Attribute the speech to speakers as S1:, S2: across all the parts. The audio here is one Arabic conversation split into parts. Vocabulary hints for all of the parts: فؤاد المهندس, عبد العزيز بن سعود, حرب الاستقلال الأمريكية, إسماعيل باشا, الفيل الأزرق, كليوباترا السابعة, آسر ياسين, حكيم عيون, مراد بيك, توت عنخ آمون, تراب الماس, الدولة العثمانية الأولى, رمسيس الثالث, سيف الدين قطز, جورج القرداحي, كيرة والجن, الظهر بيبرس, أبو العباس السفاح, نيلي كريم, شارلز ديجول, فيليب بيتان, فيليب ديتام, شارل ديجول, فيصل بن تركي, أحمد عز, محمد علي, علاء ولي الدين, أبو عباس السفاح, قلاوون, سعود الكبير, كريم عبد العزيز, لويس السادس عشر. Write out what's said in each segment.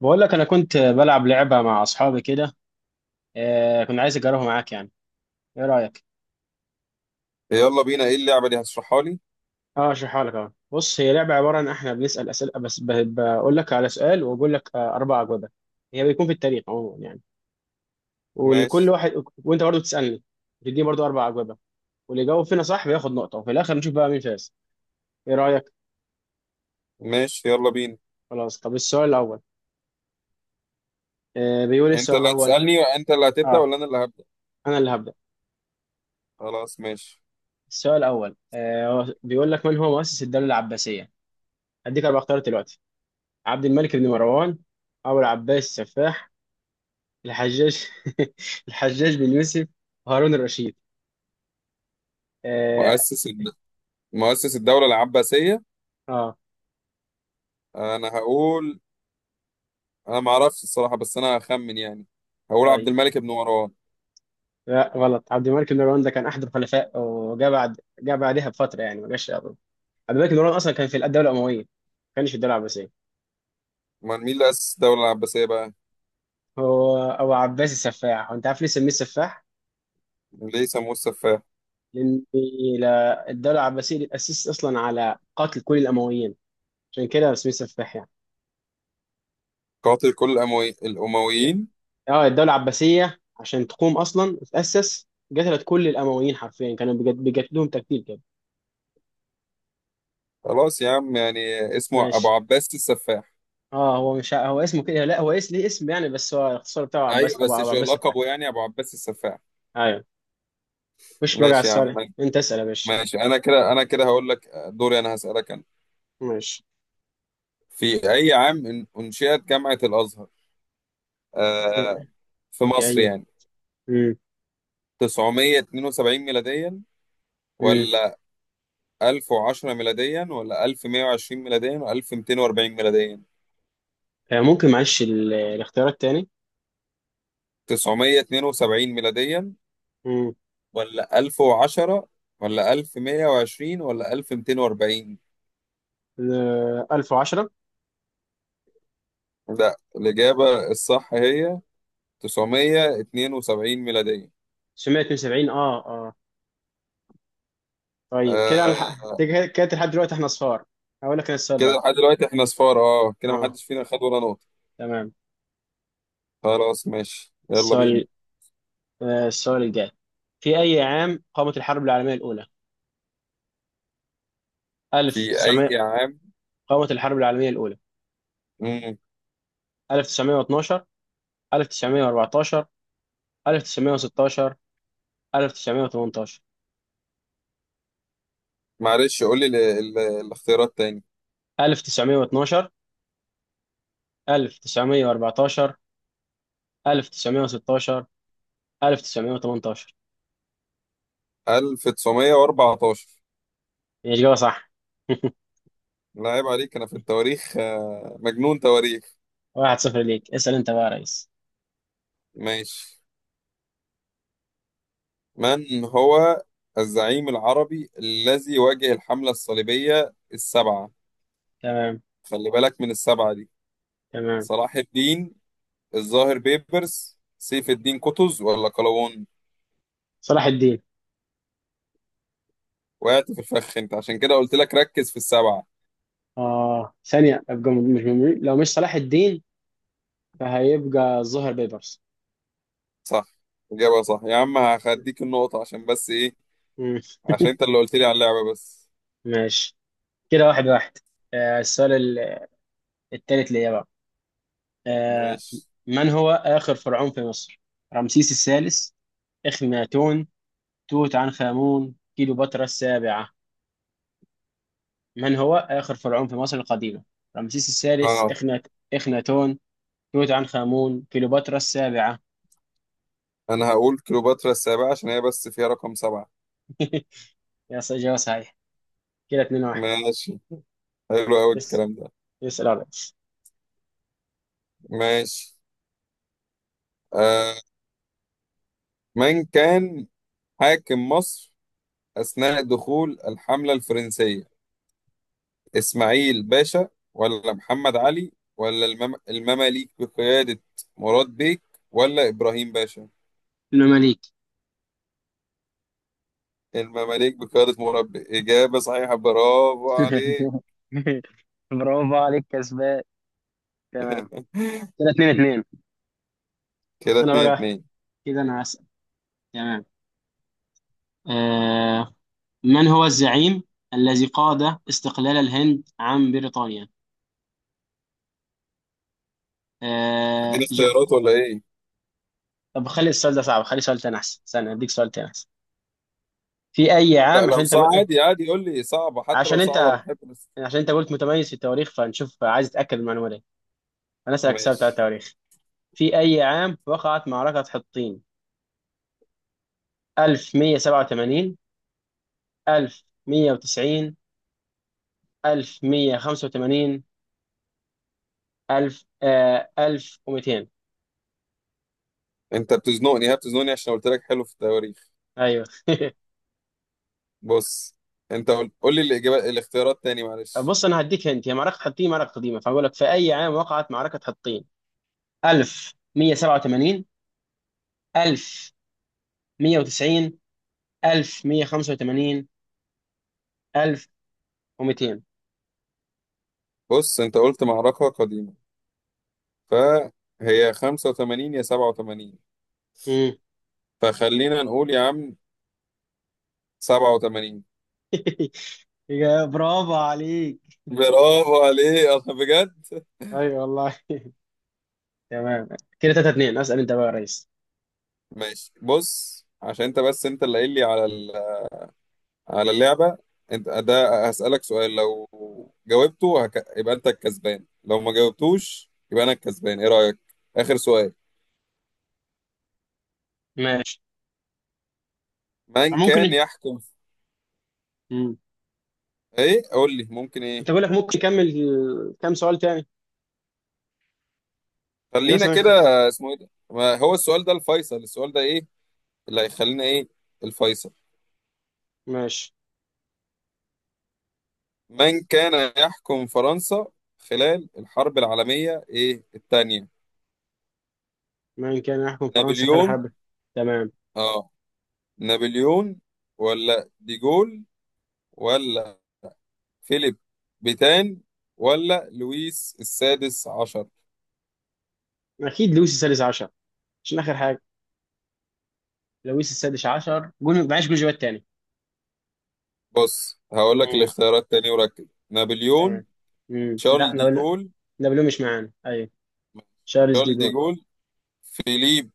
S1: بقول لك انا كنت بلعب لعبه مع اصحابي كده. كنت عايز اجربها معاك يعني. ايه رايك؟
S2: يلا بينا، ايه اللعبة دي؟ هتشرحها لي؟
S1: اه، اشرحها لك اهو. بص، هي لعبه عباره عن احنا بنسال اسئله، بس بقول لك على سؤال واقول لك اربع اجوبه. هي بيكون في التاريخ عموما يعني، ولكل
S2: ماشي.
S1: واحد، وانت برضه تسالني تديني برضه اربع اجوبه، واللي يجاوب فينا صح بياخد نقطه، وفي الاخر نشوف بقى مين فاز. ايه رايك؟
S2: ماشي، يلا بينا.
S1: خلاص، طب السؤال الاول. بيقول إيه
S2: انت
S1: السؤال
S2: اللي
S1: الاول؟
S2: هتسألني؟ انت اللي هتبدأ
S1: اه،
S2: ولا انا اللي هبدأ؟
S1: انا اللي هبدا.
S2: خلاص، ماشي.
S1: السؤال الاول، هو بيقول لك، من هو مؤسس الدوله العباسيه؟ هديك اربع اختيارات دلوقتي. عبد الملك بن مروان، أبو العباس السفاح، الحجاج، الحجاج بن يوسف، هارون الرشيد. آه.
S2: مؤسس الد... مؤسس الدولة العباسية.
S1: آه.
S2: انا هقول، انا ما اعرفش الصراحة، بس انا هخمن يعني. هقول عبد
S1: طيب.
S2: الملك بن مروان.
S1: لا، غلط. عبد الملك بن مروان ده كان أحد الخلفاء، وجاء بعد جاء بعدها بفترة، يعني ما جاش قبله. عبد الملك بن مروان أصلا كان في الدولة الأموية، ما كانش في الدولة العباسية.
S2: امال مين اللي أسس الدولة العباسية بقى؟
S1: هو أبو عباس السفاح. وأنت عارف ليه سميه السفاح؟
S2: ليه سموه السفاح؟
S1: لأن الدولة العباسية دي اتأسست أصلا على قتل كل الأمويين، عشان كده سميه السفاح يعني.
S2: قاتل كل الأمويين.
S1: اه، الدولة العباسية، عشان تقوم أصلا وتأسس، قتلت كل الأمويين حرفيا، كانوا بيقتلوهم تقتيل كده.
S2: خلاص يا عم يعني، اسمه أبو
S1: ماشي.
S2: عباس السفاح.
S1: اه، هو مش ع- هو اسمه كده. لا، هو اسم ليه، اسم يعني، بس هو الاختصار بتاعه
S2: أيوة،
S1: عباس، أبو
S2: بس
S1: أبو
S2: شو
S1: عباس الفهمي.
S2: لقبه يعني؟ أبو عباس السفاح.
S1: أيوه. مش بقى على
S2: ماشي يا عم.
S1: السؤال، أنت اسأل يا باشا.
S2: ماشي، انا كده هقول لك دوري. انا هسألك انا.
S1: ماشي.
S2: في اي عام انشئت جامعة الازهر، آه في مصر
S1: أيوه.
S2: يعني؟
S1: أمم،
S2: 972 ميلاديا،
S1: أمم.
S2: ولا 1010 ميلاديا، ولا 1120 ميلاديا، ولا 1240 ميلاديا؟
S1: ممكن معلش الاختيارات تاني.
S2: 972 ميلاديا،
S1: أمم.
S2: ولا 1010، ولا 1120، ولا 1240؟
S1: 1010.
S2: لا، الإجابة الصح هي 972 ميلاديا.
S1: 972. اه طيب.
S2: آه،
S1: كده كده لحد دلوقتي احنا صفار. هقول لك أنا السؤال
S2: كده
S1: بقى.
S2: لحد دلوقتي احنا صفار. اه كده
S1: اه.
S2: محدش فينا خد ولا نقطة.
S1: تمام.
S2: خلاص، ماشي، يلا بينا.
S1: السؤال السؤال الجاي. في أي عام قامت الحرب العالمية الأولى؟
S2: في أي
S1: 1900.
S2: عام؟
S1: قامت الحرب العالمية الأولى.
S2: مم.
S1: 1912، 1914، 1916، 1918.
S2: معلش، قول لي الاختيارات تاني.
S1: 1912، 1914، 1916، 1918.
S2: 1914.
S1: هي إجابة صح.
S2: لا عيب عليك، أنا في التواريخ مجنون تواريخ.
S1: واحد صفر ليك، اسأل أنت بقى يا ريس.
S2: ماشي. من هو الزعيم العربي الذي واجه الحملة الصليبية السبعة؟
S1: تمام.
S2: خلي بالك من السبعة دي.
S1: تمام.
S2: صلاح الدين، الظاهر بيبرس، سيف الدين قطز، ولا قلاوون؟
S1: صلاح الدين.
S2: وقعت في الفخ انت، عشان كده قلت لك ركز في السبعة.
S1: ثانية أبقى، لو مش صلاح الدين، فهيبقى الظهر بيبرس.
S2: صح، إجابة صح يا عم. هخديك النقطة عشان بس إيه؟
S1: مم.
S2: عشان أنت اللي قلت لي على اللعبة بس.
S1: ماشي. كده واحد واحد. السؤال التالت ليا بقى. آه،
S2: ماشي.
S1: من هو آخر فرعون في مصر؟ رمسيس الثالث، إخناتون، توت عنخ آمون، كليوباترا السابعة. من هو آخر فرعون في مصر القديمة؟ رمسيس الثالث،
S2: آه
S1: إخناتون، توت عنخ آمون، كليوباترا السابعة.
S2: أنا هقول كليوباترا السابعة، عشان هي بس فيها رقم سبعة.
S1: إجابة صحيحة. كده اتنين واحد.
S2: ماشي، حلو أوي
S1: اس
S2: الكلام ده.
S1: اسأل يا ريس.
S2: ماشي. آه من كان حاكم مصر أثناء دخول الحملة الفرنسية؟ إسماعيل باشا، ولا محمد علي، ولا المماليك بقيادة مراد بيك، ولا إبراهيم باشا؟
S1: إنما ليك.
S2: المماليك بقيادة مربي. إجابة صحيحة، برافو عليك.
S1: برافو عليك، كسبان. تمام. كده اتنين اتنين.
S2: كده
S1: أنا
S2: اتنين
S1: بقى،
S2: اتنين.
S1: كده أنا هسأل. تمام. آه، من هو الزعيم الذي قاد استقلال الهند عن بريطانيا؟ آه،
S2: هتديني
S1: ج...
S2: اختيارات ولا إيه؟
S1: طب خلي السؤال ده صعب، خلي سؤال تاني أحسن، استنى أديك سؤال تاني أحسن. في أي
S2: لا،
S1: عام عشان
S2: لو
S1: أنت
S2: صعب
S1: قل- آه،
S2: عادي عادي قول لي صعبة، حتى لو
S1: عشان
S2: صعبة أنا
S1: أنت
S2: بحب بس.
S1: عشان أنت قلت متميز في التواريخ، فنشوف، عايز أتأكد من المعلومة دي. أنا أسألك سؤال بتاع
S2: ماشي.
S1: التواريخ. في أي عام وقعت معركة حطين؟ 1187، 1190، 1185، 1000، 1200.
S2: أنت بتزنقني، ها بتزنقني عشان قلت لك حلو في التواريخ.
S1: أيوه.
S2: بص، أنت قول قول لي الإجابات، الاختيارات تاني، معلش.
S1: بص، انا هديك، هنت هي معركه حطين، معركه قديمه، فاقول لك في اي عام وقعت معركه حطين. 1187، 1190، 1185، 1200.
S2: بص أنت قلت معركة قديمة، فهي 85 يا 87.
S1: امم.
S2: فخلينا نقول يا عم 87.
S1: يا برافو عليك.
S2: برافو عليك. أنا بجد.
S1: اي والله. تمام. كده 3-2، اسال انت بقى يا ريس.
S2: ماشي. بص عشان انت بس، انت اللي قايل لي على على اللعبه. انت ده هسألك سؤال، لو جاوبته يبقى انت الكسبان، لو ما جاوبتوش يبقى انا الكسبان. ايه رأيك؟ اخر سؤال.
S1: ماشي.
S2: من كان
S1: ممكن.
S2: يحكم؟
S1: امم
S2: ايه؟ قول لي ممكن ايه؟
S1: انت، بقول لك ممكن نكمل كام سؤال تاني؟ يعني
S2: خلينا كده.
S1: مثلا.
S2: اسمه ايه ده؟ ما هو السؤال ده الفيصل، السؤال ده ايه اللي هيخلينا ايه، الفيصل.
S1: ماشي.
S2: من كان يحكم فرنسا خلال الحرب العالمية ايه التانية؟
S1: من كان يحكم فرنسا خلال
S2: نابليون.
S1: حرب؟ تمام.
S2: اه، نابليون، ولا ديجول، ولا فيليب بيتان، ولا لويس السادس عشر؟
S1: اكيد لويس السادس عشر. عشان اخر حاجه لويس السادس عشر، جون معاش جوجوات تاني.
S2: بص، هقول لك
S1: امم
S2: الاختيارات تاني وركز. نابليون،
S1: تمام. لا،
S2: شارل
S1: نابلو،
S2: ديجول
S1: نابلو مش معانا. ايوه. شارلز دي
S2: شارل
S1: جول.
S2: ديجول فيليب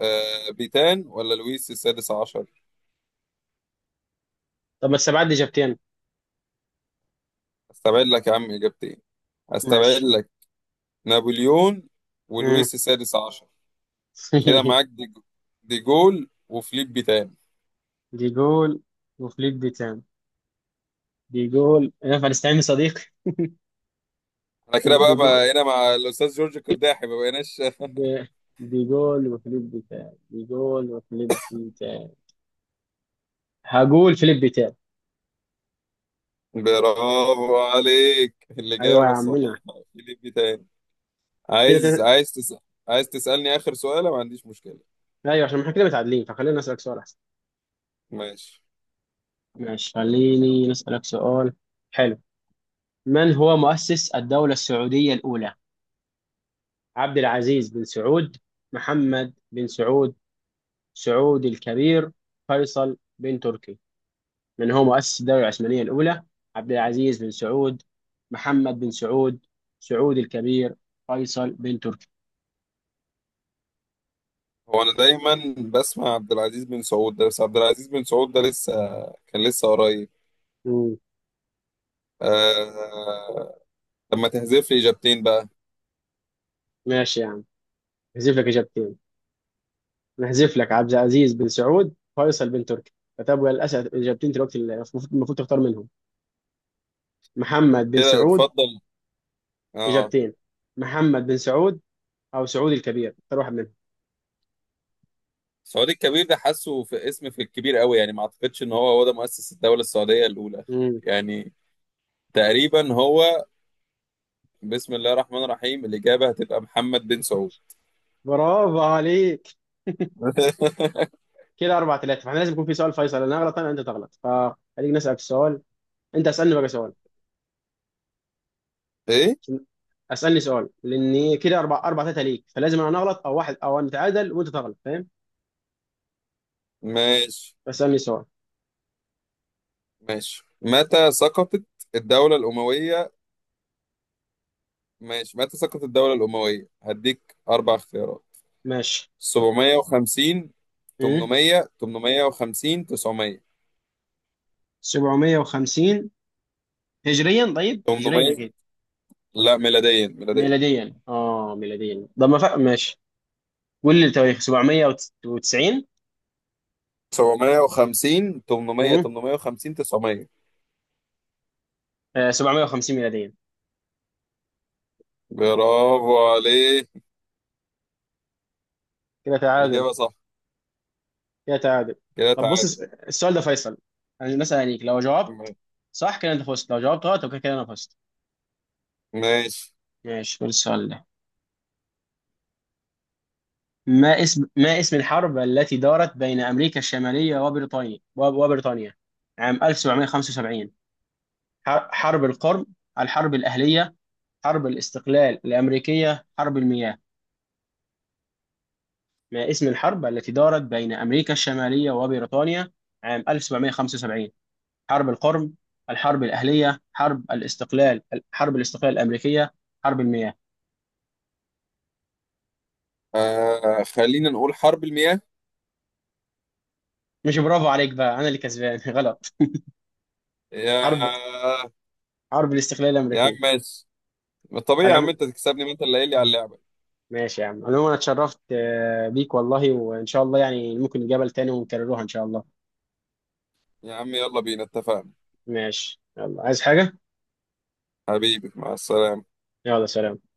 S2: بيتان، ولا لويس السادس عشر.
S1: طب ما السبعات دي جابتين.
S2: استبعد لك يا عم اجابتين، استبعد
S1: ماشي.
S2: لك. نابليون
S1: امم
S2: ولويس السادس عشر. كده معاك ديجول وفيليب بيتان.
S1: دي جول وفليك دي تام. دي جول، ينفع نستعين بصديق؟
S2: انا كده
S1: دي
S2: بقى،
S1: جول،
S2: بقى هنا مع الاستاذ جورج القرداحي، ما بقيناش.
S1: دي دي جول وفليب دي تام، دي جول وفليب دي تام. هقول فليب دي تام.
S2: برافو عليك،
S1: ايوه يا
S2: الإجابة
S1: عمنا.
S2: الصحيحة. في ليك تاني؟
S1: كده تت...
S2: عايز تسأل؟ عايز تسألني آخر سؤال؟ ما عنديش مشكلة.
S1: ايوه، عشان احنا كده متعادلين، فخلينا نسألك سؤال احسن.
S2: ماشي.
S1: ماشي. خليني نسألك سؤال. حلو. من هو مؤسس الدولة السعودية الأولى؟ عبد العزيز بن سعود، محمد بن سعود، سعود الكبير، فيصل بن تركي. من هو مؤسس الدولة العثمانية الأولى؟ عبد العزيز بن سعود، محمد بن سعود، سعود الكبير، فيصل بن تركي.
S2: هو أنا دايما بسمع عبد العزيز بن سعود ده، بس عبد العزيز بن سعود ده كان لسه قريب.
S1: مم.
S2: آه... لما تحذف لي إجابتين بقى.
S1: ماشي يا عم، نحذف لك إجابتين، نحذف لك عبد العزيز بن سعود، فيصل بن تركي. فتبقى للأسف إجابتين دلوقتي، اللي المفروض تختار منهم. محمد بن
S2: كده
S1: سعود.
S2: اتفضل. اه.
S1: إجابتين، محمد بن سعود او سعودي الكبير، اختار واحد منهم.
S2: سعود الكبير ده، حاسه في اسم، في الكبير قوي يعني، ما اعتقدش ان هو هو ده مؤسس الدولة السعودية الأولى.
S1: امم
S2: يعني تقريبا هو. بسم الله الرحمن الرحيم، الإجابة هتبقى محمد بن سعود.
S1: برافو عليك. كده 4-3، فاحنا لازم يكون في سؤال فيصل، انا اغلط، انت تغلط، فخليك نسالك سؤال. انت اسالني بقى سؤال.
S2: ايه؟
S1: عشان- اسالني سؤال، لان كده 4 4 3 ليك، فلازم انا اغلط او واحد، او انا اتعادل وانت تغلط، فاهم؟
S2: ماشي.
S1: فاسالني سؤال.
S2: ماشي، متى سقطت الدولة الأموية؟ ماشي، متى سقطت الدولة الأموية؟ هديك أربع اختيارات.
S1: ماشي.
S2: 750،
S1: امم
S2: 800، 850، 900؟
S1: 750 هجريا؟ طيب، هجريا
S2: 800.
S1: اكيد.
S2: لا، ميلاديا ميلاديا.
S1: ميلاديا؟ اه، ميلاديا، طب ما فرق، ماشي، قول لي التواريخ. 790.
S2: 750، 800،
S1: امم
S2: 850، 900.
S1: 750 ميلاديا.
S2: برافو عليك،
S1: كده تعادل.
S2: إجابة صح.
S1: كده تعادل.
S2: كده
S1: طب بص،
S2: تعادل.
S1: السؤال ده فيصل، يعني مثلا، يعني لو جاوبت
S2: م-
S1: صح كده انت فزت، لو جاوبت غلط يبقى كده انا فزت.
S2: ماشي.
S1: ماشي. قول السؤال ده. ما اسم الحرب التي دارت بين امريكا الشماليه وبريطانيا وبريطانيا عام 1775؟ حرب القرم، الحرب الاهليه، حرب الاستقلال الامريكيه، حرب المياه. ما اسم الحرب التي دارت بين امريكا الشماليه وبريطانيا عام 1775؟ حرب القرم، الحرب الأهلية، حرب الاستقلال الأمريكية، حرب المياه.
S2: خلينا نقول حرب المياه.
S1: مش برافو عليك بقى، أنا اللي كسبان. غلط. حرب
S2: يا
S1: حرب الاستقلال
S2: يا عم
S1: الأمريكية.
S2: ماشي. ما طبيعي يا عم
S1: العم...
S2: انت تكسبني، ما انت اللي قايل لي على اللعبه.
S1: ماشي يا عم، عموما أنا اتشرفت بيك والله، وإن شاء الله يعني ممكن نتقابل تاني ونكرروها إن شاء الله.
S2: يا عم، يلا بينا، اتفقنا.
S1: ماشي يلا، عايز حاجة؟
S2: حبيبي، مع السلامه.
S1: يلا سلام.